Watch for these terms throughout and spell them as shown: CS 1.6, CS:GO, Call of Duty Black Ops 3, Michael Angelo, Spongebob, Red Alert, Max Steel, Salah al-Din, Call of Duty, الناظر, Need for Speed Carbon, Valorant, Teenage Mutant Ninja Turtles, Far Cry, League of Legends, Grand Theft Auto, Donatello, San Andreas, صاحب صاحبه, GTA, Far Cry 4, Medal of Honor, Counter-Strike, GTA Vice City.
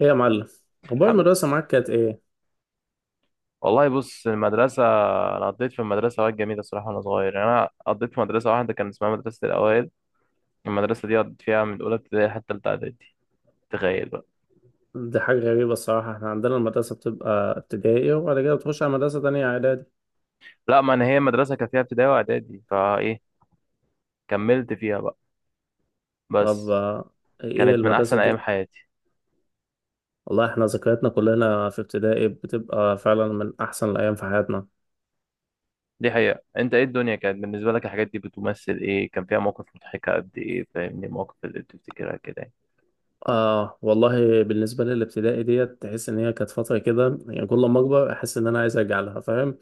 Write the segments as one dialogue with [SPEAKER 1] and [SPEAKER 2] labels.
[SPEAKER 1] ايه يا معلم؟ اخبار
[SPEAKER 2] الحمد،
[SPEAKER 1] المدرسه معاك كانت ايه؟
[SPEAKER 2] والله بص المدرسة، أنا قضيت في المدرسة أوقات جميلة الصراحة، وأنا صغير يعني أنا قضيت في مدرسة واحدة كان اسمها مدرسة الأوائل. المدرسة دي قضيت فيها من أولى ابتدائي حتى تالتة إعدادي، تخيل بقى.
[SPEAKER 1] دي حاجه غريبه الصراحه، احنا عندنا المدرسه بتبقى ابتدائي وبعد كده بتخش على مدرسه تانية اعدادي.
[SPEAKER 2] لا، ما أنا هي مدرسة كان فيها ابتدائي وإعدادي، فإيه كملت فيها بقى
[SPEAKER 1] طب
[SPEAKER 2] بس.
[SPEAKER 1] ايه
[SPEAKER 2] كانت من
[SPEAKER 1] المدرسه
[SPEAKER 2] أحسن أيام
[SPEAKER 1] دي؟
[SPEAKER 2] حياتي.
[SPEAKER 1] والله احنا ذكرياتنا كلنا في ابتدائي بتبقى فعلا من احسن الايام في حياتنا.
[SPEAKER 2] دي حقيقة، أنت إيه الدنيا كانت بالنسبة لك؟ الحاجات دي بتمثل إيه؟ كان فيها مواقف مضحكة قد إيه؟ فاهمني، المواقف اللي بتفتكرها كده يعني.
[SPEAKER 1] آه والله، بالنسبه للابتدائي ديت تحس ان هي كانت فتره كده، يعني كل ما اكبر احس ان انا عايز ارجع لها، فاهم؟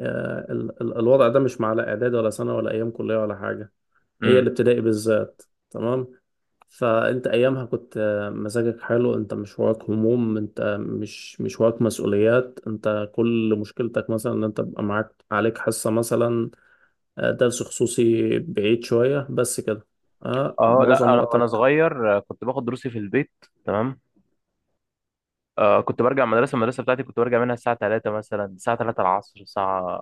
[SPEAKER 1] آه، ال الوضع ده مش مع لا اعدادي ولا سنه ولا ايام كليه ولا حاجه. هي
[SPEAKER 2] امم
[SPEAKER 1] الابتدائي بالذات. تمام. فانت ايامها كنت مزاجك حلو، انت مش وراك هموم، انت مش وراك مسؤوليات، انت كل مشكلتك مثلا ان انت بقى معاك عليك حصة مثلا، درس خصوصي بعيد شوية بس كده. اه
[SPEAKER 2] أه، لا
[SPEAKER 1] معظم
[SPEAKER 2] أنا وأنا
[SPEAKER 1] وقتك.
[SPEAKER 2] صغير كنت باخد دروسي في البيت. تمام. كنت برجع المدرسة بتاعتي، كنت برجع منها الساعة 3 مثلا، الساعة 3 العصر، الساعة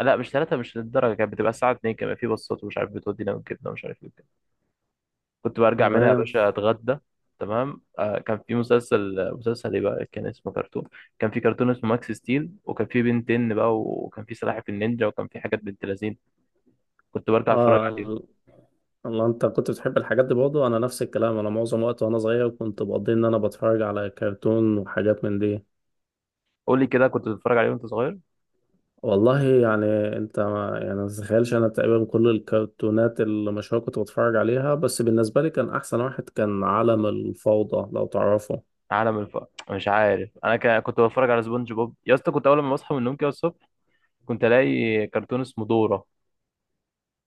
[SPEAKER 2] لا مش 3، مش للدرجة، كانت بتبقى الساعة 2، كمان في بصات ومش عارف بتودينا وكده ومش عارف ايه وكده. كنت برجع منها يا
[SPEAKER 1] تمام.
[SPEAKER 2] باشا اتغدى. تمام. كان في مسلسل ايه بقى، كان اسمه كرتون. كان في كرتون اسمه ماكس ستيل، وكان في بنتين بقى، وكان في سلاحف النينجا، وكان في حاجات بنت لذين، كنت برجع اتفرج عليهم.
[SPEAKER 1] اه. الله، انت كنت بتحب الحاجات دي برضه؟ انا نفس الكلام، انا معظم وقت وانا صغير كنت بقضي ان انا بتفرج على كرتون وحاجات من دي.
[SPEAKER 2] قول لي كده، كنت بتتفرج عليهم وانت صغير؟
[SPEAKER 1] والله يعني، انت ما يعني ما تتخيلش انا تقريبا كل الكرتونات اللي مشهورة كنت بتفرج عليها، بس بالنسبة لي كان احسن واحد كان عالم الفوضى، لو تعرفه.
[SPEAKER 2] عالم الف، مش عارف. انا كنت بتفرج على سبونج بوب يا اسطى، كنت اول ما بصحى من النوم كده الصبح كنت الاقي كرتون اسمه دورة.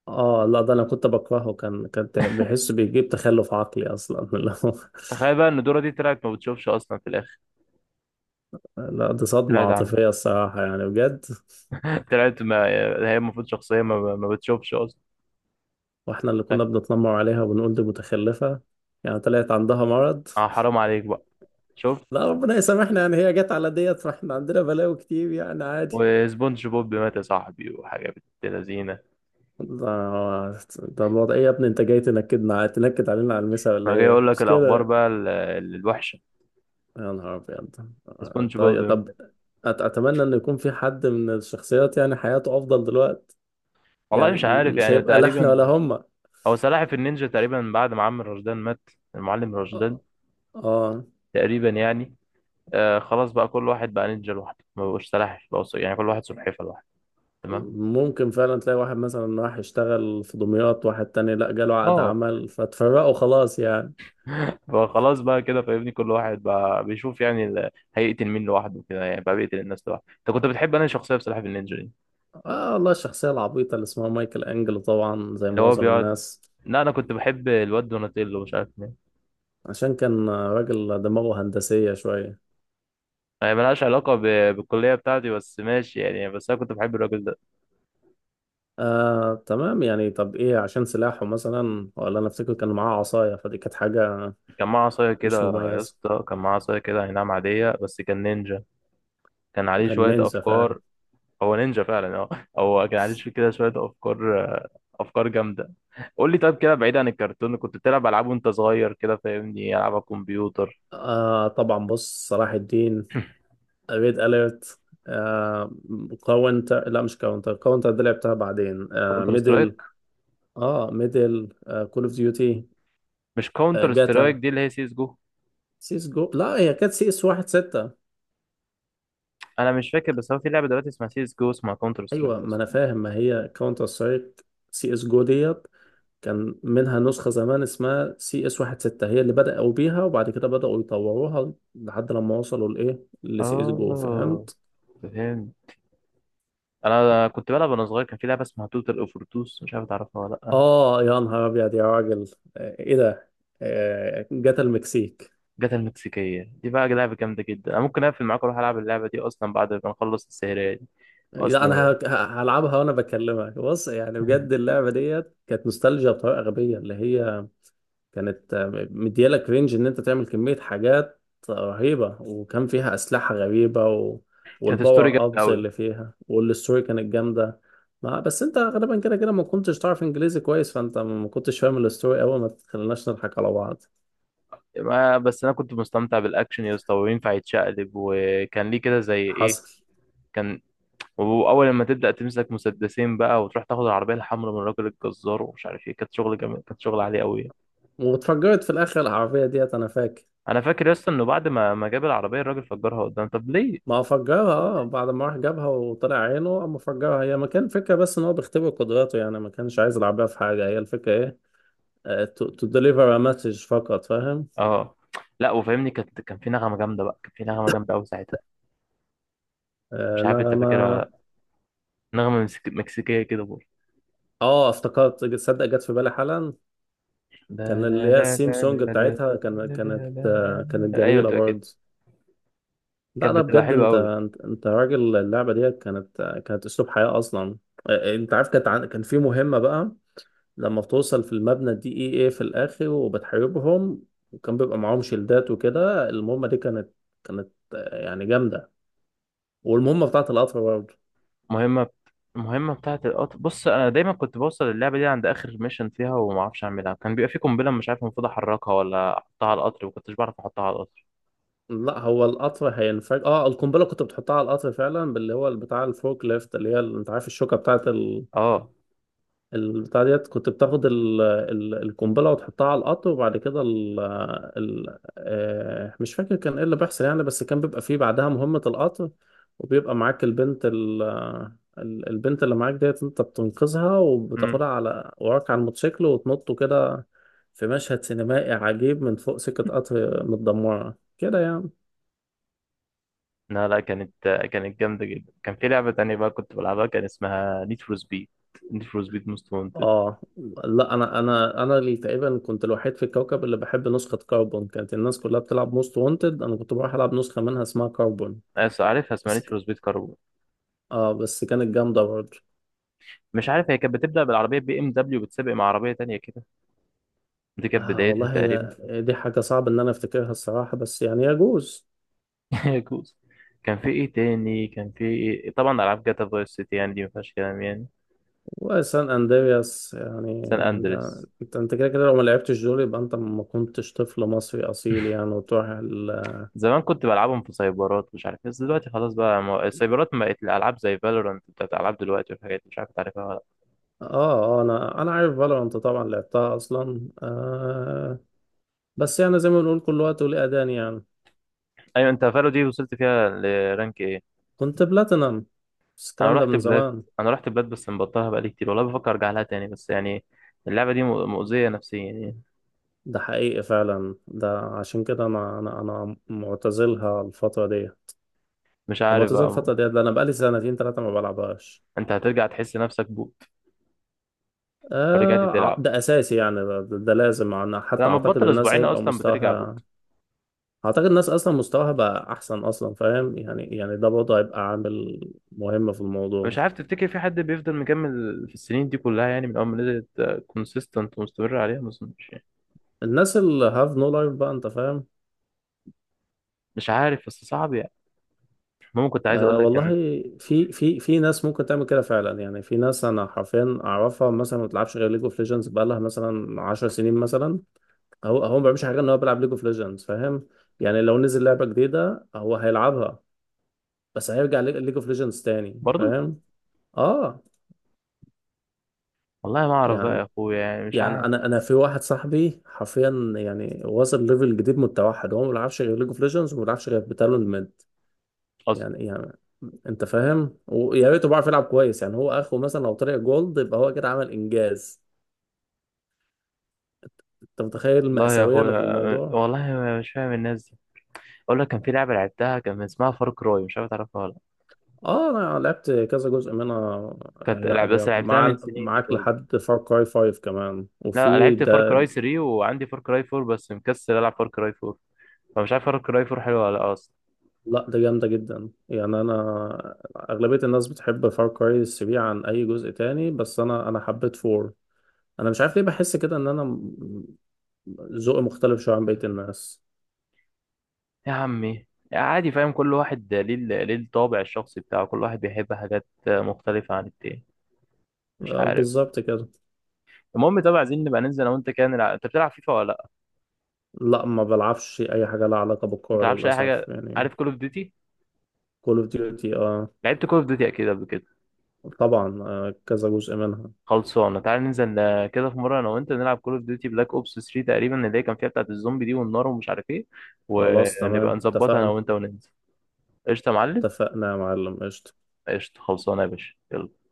[SPEAKER 1] اه لا، ده انا كنت بكرهه. بحس بيجيب تخلف عقلي اصلا اللي هو-
[SPEAKER 2] تخيل بقى ان دورة دي طلعت ما بتشوفش اصلا في الاخر.
[SPEAKER 1] لا دي صدمة
[SPEAKER 2] طلعت عامل
[SPEAKER 1] عاطفية الصراحة يعني بجد.
[SPEAKER 2] طلعت، ما هي المفروض شخصية، ما بتشوفش اصلا.
[SPEAKER 1] واحنا اللي كنا
[SPEAKER 2] تخيل.
[SPEAKER 1] بنتنمر عليها وبنقول دي متخلفة، يعني طلعت عندها مرض.
[SPEAKER 2] اه، حرام عليك بقى. شفت؟
[SPEAKER 1] لا ربنا يسامحنا، يعني هي جت على ديت ما احنا عندنا بلاوي كتير يعني، عادي.
[SPEAKER 2] وسبونج بوب مات يا صاحبي، وحاجة بنت لذينة.
[SPEAKER 1] ده ده الوضع ايه يا ابني، انت جاي تنكد علينا على المسا ولا
[SPEAKER 2] ما جاي
[SPEAKER 1] ايه،
[SPEAKER 2] اقول لك
[SPEAKER 1] مش
[SPEAKER 2] الاخبار
[SPEAKER 1] كده؟
[SPEAKER 2] بقى الوحشة.
[SPEAKER 1] يا نهار ابيض،
[SPEAKER 2] سبونج بوب
[SPEAKER 1] طيب طب.
[SPEAKER 2] مات.
[SPEAKER 1] اتمنى ان يكون في حد من الشخصيات يعني حياته افضل دلوقتي،
[SPEAKER 2] والله
[SPEAKER 1] يعني
[SPEAKER 2] مش عارف
[SPEAKER 1] مش
[SPEAKER 2] يعني،
[SPEAKER 1] هيبقى لا احنا
[SPEAKER 2] تقريبا.
[SPEAKER 1] ولا هما.
[SPEAKER 2] هو سلاحف النينجا تقريبا بعد ما عم رشدان مات، المعلم رشدان،
[SPEAKER 1] اه. آه.
[SPEAKER 2] تقريبا يعني. آه، خلاص بقى، كل واحد بقى نينجا لوحده، ما بقوش سلاحف بقى يعني، كل واحد سلحفة لوحده. تمام.
[SPEAKER 1] ممكن فعلا تلاقي واحد مثلا راح يشتغل في دمياط، واحد تاني لا جاله عقد
[SPEAKER 2] اه،
[SPEAKER 1] عمل فتفرقوا خلاص يعني.
[SPEAKER 2] فخلاص بقى كده فاهمني، كل واحد بقى بيشوف يعني هيقتل مين لوحده كده يعني، بقى بيقتل الناس لوحده. انت كنت بتحب انا شخصيه بصراحه في النينجا دي
[SPEAKER 1] اه والله الشخصية العبيطة اللي اسمها مايكل انجلو، طبعا زي
[SPEAKER 2] اللي هو
[SPEAKER 1] معظم
[SPEAKER 2] بيقعد؟
[SPEAKER 1] الناس،
[SPEAKER 2] لا، انا كنت بحب الواد دوناتيلو، مش عارف مين.
[SPEAKER 1] عشان كان راجل دماغه هندسية شوية.
[SPEAKER 2] هي ملهاش علاقه ب... بالكليه بتاعتي، بس ماشي يعني، بس انا كنت بحب الراجل ده.
[SPEAKER 1] تمام يعني، طب ايه عشان سلاحه مثلا؟ ولا انا افتكر كان معاه عصاية، فدي كانت حاجة
[SPEAKER 2] كان معاه عصايه كده.
[SPEAKER 1] مش
[SPEAKER 2] يا
[SPEAKER 1] مميزة.
[SPEAKER 2] اسطى كان معاه عصايه كده، هي نعم عاديه، بس كان نينجا، كان عليه
[SPEAKER 1] كان
[SPEAKER 2] شويه
[SPEAKER 1] نينجا فعلا.
[SPEAKER 2] افكار. هو نينجا فعلا، اه. هو كان عليه شوية كده، شوية أفكار، أفكار جامدة. قول لي طيب، كده بعيد عن الكرتون، كنت بتلعب ألعاب وأنت صغير؟ كده فاهمني، ألعاب على الكمبيوتر.
[SPEAKER 1] آه طبعا، بص صلاح الدين، ريد اليرت، آه كاونتر. لا مش كاونتر، كاونتر دي لعبتها بعدين،
[SPEAKER 2] كاونتر
[SPEAKER 1] ميدل.
[SPEAKER 2] سترايك.
[SPEAKER 1] اه ميدل، كول اوف ديوتي،
[SPEAKER 2] مش كاونتر سترايك
[SPEAKER 1] جاتا،
[SPEAKER 2] دي، اللي هي سيس جو.
[SPEAKER 1] سيس جو. لا هي كانت سي اس واحد ستة.
[SPEAKER 2] أنا مش فاكر، بس هو في لعبة دلوقتي اسمها سيس جو، اسمها كاونتر سترايك
[SPEAKER 1] ايوه ما انا
[SPEAKER 2] أصلا.
[SPEAKER 1] فاهم، ما هي كاونتر سترايك، سي اس جو ديت، كان منها نسخة زمان اسمها سي اس واحد ستة، هي اللي بدأوا بيها وبعد كده بدأوا يطوروها لحد لما وصلوا لإيه، لسي اس جو،
[SPEAKER 2] آه،
[SPEAKER 1] فهمت؟
[SPEAKER 2] فهمت. أنا كنت بلعب وأنا صغير كان في لعبة اسمها توتال أوفرتوس، مش عارف تعرفها ولا لأ.
[SPEAKER 1] آه يا نهار أبيض يا راجل، آه، إيه ده؟ آه، جت المكسيك.
[SPEAKER 2] جاتا المكسيكية دي بقى لعبة جامدة جدا، أنا ممكن أقفل معاك وأروح ألعب اللعبة دي أصلا بعد ما نخلص السهرية دي،
[SPEAKER 1] لا
[SPEAKER 2] أصلا
[SPEAKER 1] أنا
[SPEAKER 2] يعني.
[SPEAKER 1] هلعبها وأنا بكلمك. بص يعني بجد، اللعبة ديت كانت نوستالجيا بطريقة غبية، اللي هي كانت مديالك رينج ان انت تعمل كمية حاجات رهيبة، وكان فيها اسلحة غريبة و...
[SPEAKER 2] كانت ستوري
[SPEAKER 1] والباور
[SPEAKER 2] جامدة
[SPEAKER 1] ابز
[SPEAKER 2] أوي.
[SPEAKER 1] اللي فيها والستوري كانت جامدة. ما بس انت غالبا كده كده ما كنتش تعرف انجليزي كويس، فانت ما كنتش فاهم الستوري قوي، ما تخليناش نضحك على بعض.
[SPEAKER 2] ما بس انا كنت مستمتع بالاكشن يا اسطى، وينفع يتشقلب وكان ليه كده زي ايه.
[SPEAKER 1] حصل.
[SPEAKER 2] كان، واول لما تبدا تمسك مسدسين بقى وتروح تاخد العربيه الحمراء من الراجل الجزار ومش عارف ايه، كانت شغل جميل، كانت شغل عالي قوي.
[SPEAKER 1] واتفجرت في الاخر العربية ديت، انا فاكر.
[SPEAKER 2] انا فاكر يا اسطى انه بعد ما جاب العربيه الراجل فجرها قدام، طب ليه؟
[SPEAKER 1] ما فجرها، اه بعد ما راح جابها وطلع عينه اما فجرها، هي ما كان فكرة بس ان هو بيختبر قدراته، يعني ما كانش عايز العربية في حاجة، هي الفكرة. ايه، تو ديليفر ا مسج فقط، فاهم.
[SPEAKER 2] اه لا، وفاهمني كان في نغمه جامده بقى، كان في نغمه جامده قوي ساعتها. مش عارف انت
[SPEAKER 1] نغمة.
[SPEAKER 2] فاكرها ولا لا. نغمه مكسيكيه كده برضه.
[SPEAKER 1] اه افتكرت، تصدق جت في بالي حالا.
[SPEAKER 2] لا
[SPEAKER 1] كان اللي
[SPEAKER 2] لا
[SPEAKER 1] هي
[SPEAKER 2] لا
[SPEAKER 1] السيم
[SPEAKER 2] لا
[SPEAKER 1] سونج
[SPEAKER 2] لا لا لا
[SPEAKER 1] بتاعتها كان
[SPEAKER 2] لا
[SPEAKER 1] كانت
[SPEAKER 2] لا لا لا
[SPEAKER 1] كانت
[SPEAKER 2] لا. ايوه
[SPEAKER 1] جميلة
[SPEAKER 2] بتبقى كده.
[SPEAKER 1] برضه. لا
[SPEAKER 2] كانت
[SPEAKER 1] لا
[SPEAKER 2] بتبقى
[SPEAKER 1] بجد،
[SPEAKER 2] حلوه
[SPEAKER 1] انت
[SPEAKER 2] قوي.
[SPEAKER 1] انت راجل، اللعبة دي كانت كانت اسلوب حياة اصلا. انت عارف كانت كان في مهمة بقى، لما بتوصل في المبنى الدي اي اي في الاخر وبتحاربهم، وكان بيبقى معاهم شيلدات وكده، المهمة دي كانت يعني جامدة. والمهمة بتاعت القطر برضه.
[SPEAKER 2] مهمة، المهمة بتاعة القطر، بص أنا دايما كنت بوصل اللعبة دي عند آخر ميشن فيها وما أعرفش أعملها، كان بيبقى في قنبلة مش عارف المفروض أحركها ولا أحطها على القطر، وكنتش بعرف أحطها على القطر.
[SPEAKER 1] لا هو القطر هينفجر، اه القنبله كنت بتحطها على القطر فعلا، باللي هو بتاع الفورك ليفت، اللي هي انت عارف الشوكه بتاعت
[SPEAKER 2] أه.
[SPEAKER 1] البتاع ديت، كنت بتاخد القنبله وتحطها على القطر، وبعد كده ال... ال... آه مش فاكر كان ايه اللي بيحصل يعني، بس كان بيبقى فيه بعدها مهمه القطر، وبيبقى معاك البنت البنت اللي معاك ديت انت بتنقذها
[SPEAKER 2] أمم
[SPEAKER 1] وبتاخدها على وراك على الموتوسيكل وتنطوا كده في مشهد سينمائي عجيب، من فوق سكه قطر متدمره كده يعني.
[SPEAKER 2] لا لا، كانت جامدة جدا. كان في لعبة تانية بقى كنت بلعبها، كان اسمها نيد فور سبيد، نيد فور سبيد موست وانتد.
[SPEAKER 1] اه لا، انا انا اللي تقريبا كنت الوحيد في الكوكب اللي بحب نسخة كربون، كانت الناس كلها بتلعب موست وانتد، انا كنت بروح العب نسخة منها اسمها كربون.
[SPEAKER 2] عارفها، اسمها
[SPEAKER 1] بس
[SPEAKER 2] نيد
[SPEAKER 1] ك...
[SPEAKER 2] فور سبيد كاربون.
[SPEAKER 1] اه بس كانت جامدة برضه.
[SPEAKER 2] مش عارف، هي كانت بتبدأ بالعربية بي إم دبليو بتسابق مع عربية تانية كده، دي كانت
[SPEAKER 1] اه
[SPEAKER 2] بدايتها
[SPEAKER 1] والله
[SPEAKER 2] تقريبا.
[SPEAKER 1] هي دي حاجة صعب ان انا افتكرها الصراحة، بس يعني يجوز.
[SPEAKER 2] يا كوز، كان في إيه تاني؟ كان في إيه؟ طبعا ألعاب جاتا فايس سيتي يعني، دي ما فيهاش كلام يعني.
[SPEAKER 1] وسان اندرياس يعني،
[SPEAKER 2] سان
[SPEAKER 1] ده
[SPEAKER 2] اندريس.
[SPEAKER 1] انت كده كده لو ما لعبتش دول يبقى انت ما كنتش طفل مصري اصيل يعني، وتروح ال...
[SPEAKER 2] زمان كنت بلعبهم في سايبرات، مش عارف إيه، بس دلوقتي خلاص بقى ما... السايبرات ما بقت، الالعاب زي فالورانت بتاعت العاب دلوقتي والحاجات دي، مش عارف تعرفها ولا لأ.
[SPEAKER 1] انا عارف فالورانت طبعا، لعبتها اصلا آه. بس يعني زي ما بنقول كل وقت وليه أذان يعني.
[SPEAKER 2] ايوه، انت فالو دي وصلت فيها لرانك ايه؟
[SPEAKER 1] كنت بلاتينم، بس
[SPEAKER 2] انا
[SPEAKER 1] الكلام ده
[SPEAKER 2] رحت
[SPEAKER 1] من
[SPEAKER 2] بلاد
[SPEAKER 1] زمان.
[SPEAKER 2] انا رحت بلاد بس مبطلها بقالي كتير، والله بفكر ارجع لها تاني، بس يعني اللعبه دي مؤذيه نفسيا يعني.
[SPEAKER 1] ده حقيقي فعلا، ده عشان كده أنا أنا معتزلها الفترة دي، أنا
[SPEAKER 2] مش عارف
[SPEAKER 1] معتزل
[SPEAKER 2] بقى.
[SPEAKER 1] الفترة دي، ده أنا بقالي سنتين تلاتة ما بلعبهاش.
[SPEAKER 2] انت هترجع تحس نفسك بوت لو رجعت تلعب.
[SPEAKER 1] ده أساسي يعني، ده لازم، أنا حتى
[SPEAKER 2] لما
[SPEAKER 1] أعتقد
[SPEAKER 2] تبطل
[SPEAKER 1] الناس
[SPEAKER 2] اسبوعين
[SPEAKER 1] هيبقى
[SPEAKER 2] اصلا بترجع
[SPEAKER 1] مستواها،
[SPEAKER 2] بوت.
[SPEAKER 1] أعتقد الناس أصلا مستواها بقى أحسن أصلا، فاهم يعني ده برضه هيبقى عامل مهم في الموضوع.
[SPEAKER 2] مش عارف، تفتكر في حد بيفضل مكمل في السنين دي كلها يعني، من اول ما نزلت كونسيستنت ومستمر عليها؟ ما اظنش.
[SPEAKER 1] الناس اللي have no life بقى، أنت فاهم.
[SPEAKER 2] مش عارف، بس صعب يعني. المهم كنت عايز اقول
[SPEAKER 1] أه
[SPEAKER 2] لك
[SPEAKER 1] والله،
[SPEAKER 2] ان،
[SPEAKER 1] في ناس ممكن تعمل كده فعلا، يعني في ناس انا حرفيا اعرفها مثلا ما بتلعبش غير ليج اوف ليجندز بقالها مثلا 10 سنين مثلا، هو ما بيعملش حاجه غير ان هو بيلعب ليج اوف ليجندز، فاهم يعني؟ لو نزل لعبه جديده هو هيلعبها، بس هيرجع ليج اوف ليجندز تاني،
[SPEAKER 2] برضو،
[SPEAKER 1] فاهم. اه.
[SPEAKER 2] والله ما اعرف بقى
[SPEAKER 1] يعني
[SPEAKER 2] يا اخويا يعني، مش
[SPEAKER 1] يعني
[SPEAKER 2] عارف
[SPEAKER 1] انا في واحد صاحبي حرفيا، يعني وصل ليفل جديد من التوحد، هو ما بيلعبش غير ليج اوف ليجندز وما بيلعبش غير بتالون ميد.
[SPEAKER 2] اصلا.
[SPEAKER 1] يعني انت فاهم، ويا ريته بيعرف يلعب كويس، يعني هو اخره مثلا لو طلع جولد يبقى هو كده عمل انجاز. انت متخيل
[SPEAKER 2] والله يا
[SPEAKER 1] المأساوية اللي في
[SPEAKER 2] اخويا،
[SPEAKER 1] الموضوع؟
[SPEAKER 2] والله مش فاهم الناس دي. اقول لك، كان في لعبه لعبتها كان اسمها فار كراي، مش عارف تعرفها ولا لأ.
[SPEAKER 1] اه انا لعبت كذا جزء منها.
[SPEAKER 2] كانت
[SPEAKER 1] هي
[SPEAKER 2] لعب بس
[SPEAKER 1] هي
[SPEAKER 2] لعبتها من
[SPEAKER 1] مع
[SPEAKER 2] سنين دي
[SPEAKER 1] معاك
[SPEAKER 2] برضه.
[SPEAKER 1] لحد فار كراي 5 كمان،
[SPEAKER 2] لا،
[SPEAKER 1] وفي
[SPEAKER 2] لعبت فار
[SPEAKER 1] ده.
[SPEAKER 2] كراي 3، وعندي فار كراي 4 بس مكسل العب فار كراي 4. فمش عارف فار كراي 4 حلوه ولا لأ اصلا.
[SPEAKER 1] لا ده جامدة جدا يعني، انا اغلبية الناس بتحب فار كراي 3 عن اي جزء تاني، بس انا حبيت 4. انا مش عارف ليه بحس كده، ان ذوقي مختلف شوية عن بقية الناس.
[SPEAKER 2] يا عمي، عادي، فاهم كل واحد ليه ليه الطابع الشخصي بتاعه، كل واحد بيحب حاجات مختلفه عن التاني. مش عارف.
[SPEAKER 1] بالظبط كده.
[SPEAKER 2] المهم، طبعا عايزين نبقى ننزل انا وانت كده نلعب، انت بتلعب فيفا ولا؟
[SPEAKER 1] لا ما بلعبش اي حاجه لها علاقه
[SPEAKER 2] ما
[SPEAKER 1] بالكوره
[SPEAKER 2] تلعبش اي
[SPEAKER 1] للاسف
[SPEAKER 2] حاجه،
[SPEAKER 1] يعني.
[SPEAKER 2] عارف كول اوف ديوتي؟
[SPEAKER 1] كول اوف ديوتي اه.
[SPEAKER 2] لعبت كول اوف ديوتي اكيد قبل كده.
[SPEAKER 1] طبعا آه كذا جزء منها.
[SPEAKER 2] خلصانه، تعال ننزل كده في مره انا وانت نلعب كول اوف ديوتي بلاك اوبس 3 تقريبا، اللي هي كان فيها بتاعه الزومبي دي والنار ومش عارف ايه،
[SPEAKER 1] خلاص
[SPEAKER 2] ونبقى
[SPEAKER 1] تمام
[SPEAKER 2] نظبطها انا
[SPEAKER 1] اتفقنا.
[SPEAKER 2] وانت وننزل. قشطه يا معلم.
[SPEAKER 1] اتفقنا يا معلم، قشطه.
[SPEAKER 2] قشطه خلصانه يا باشا، يلا.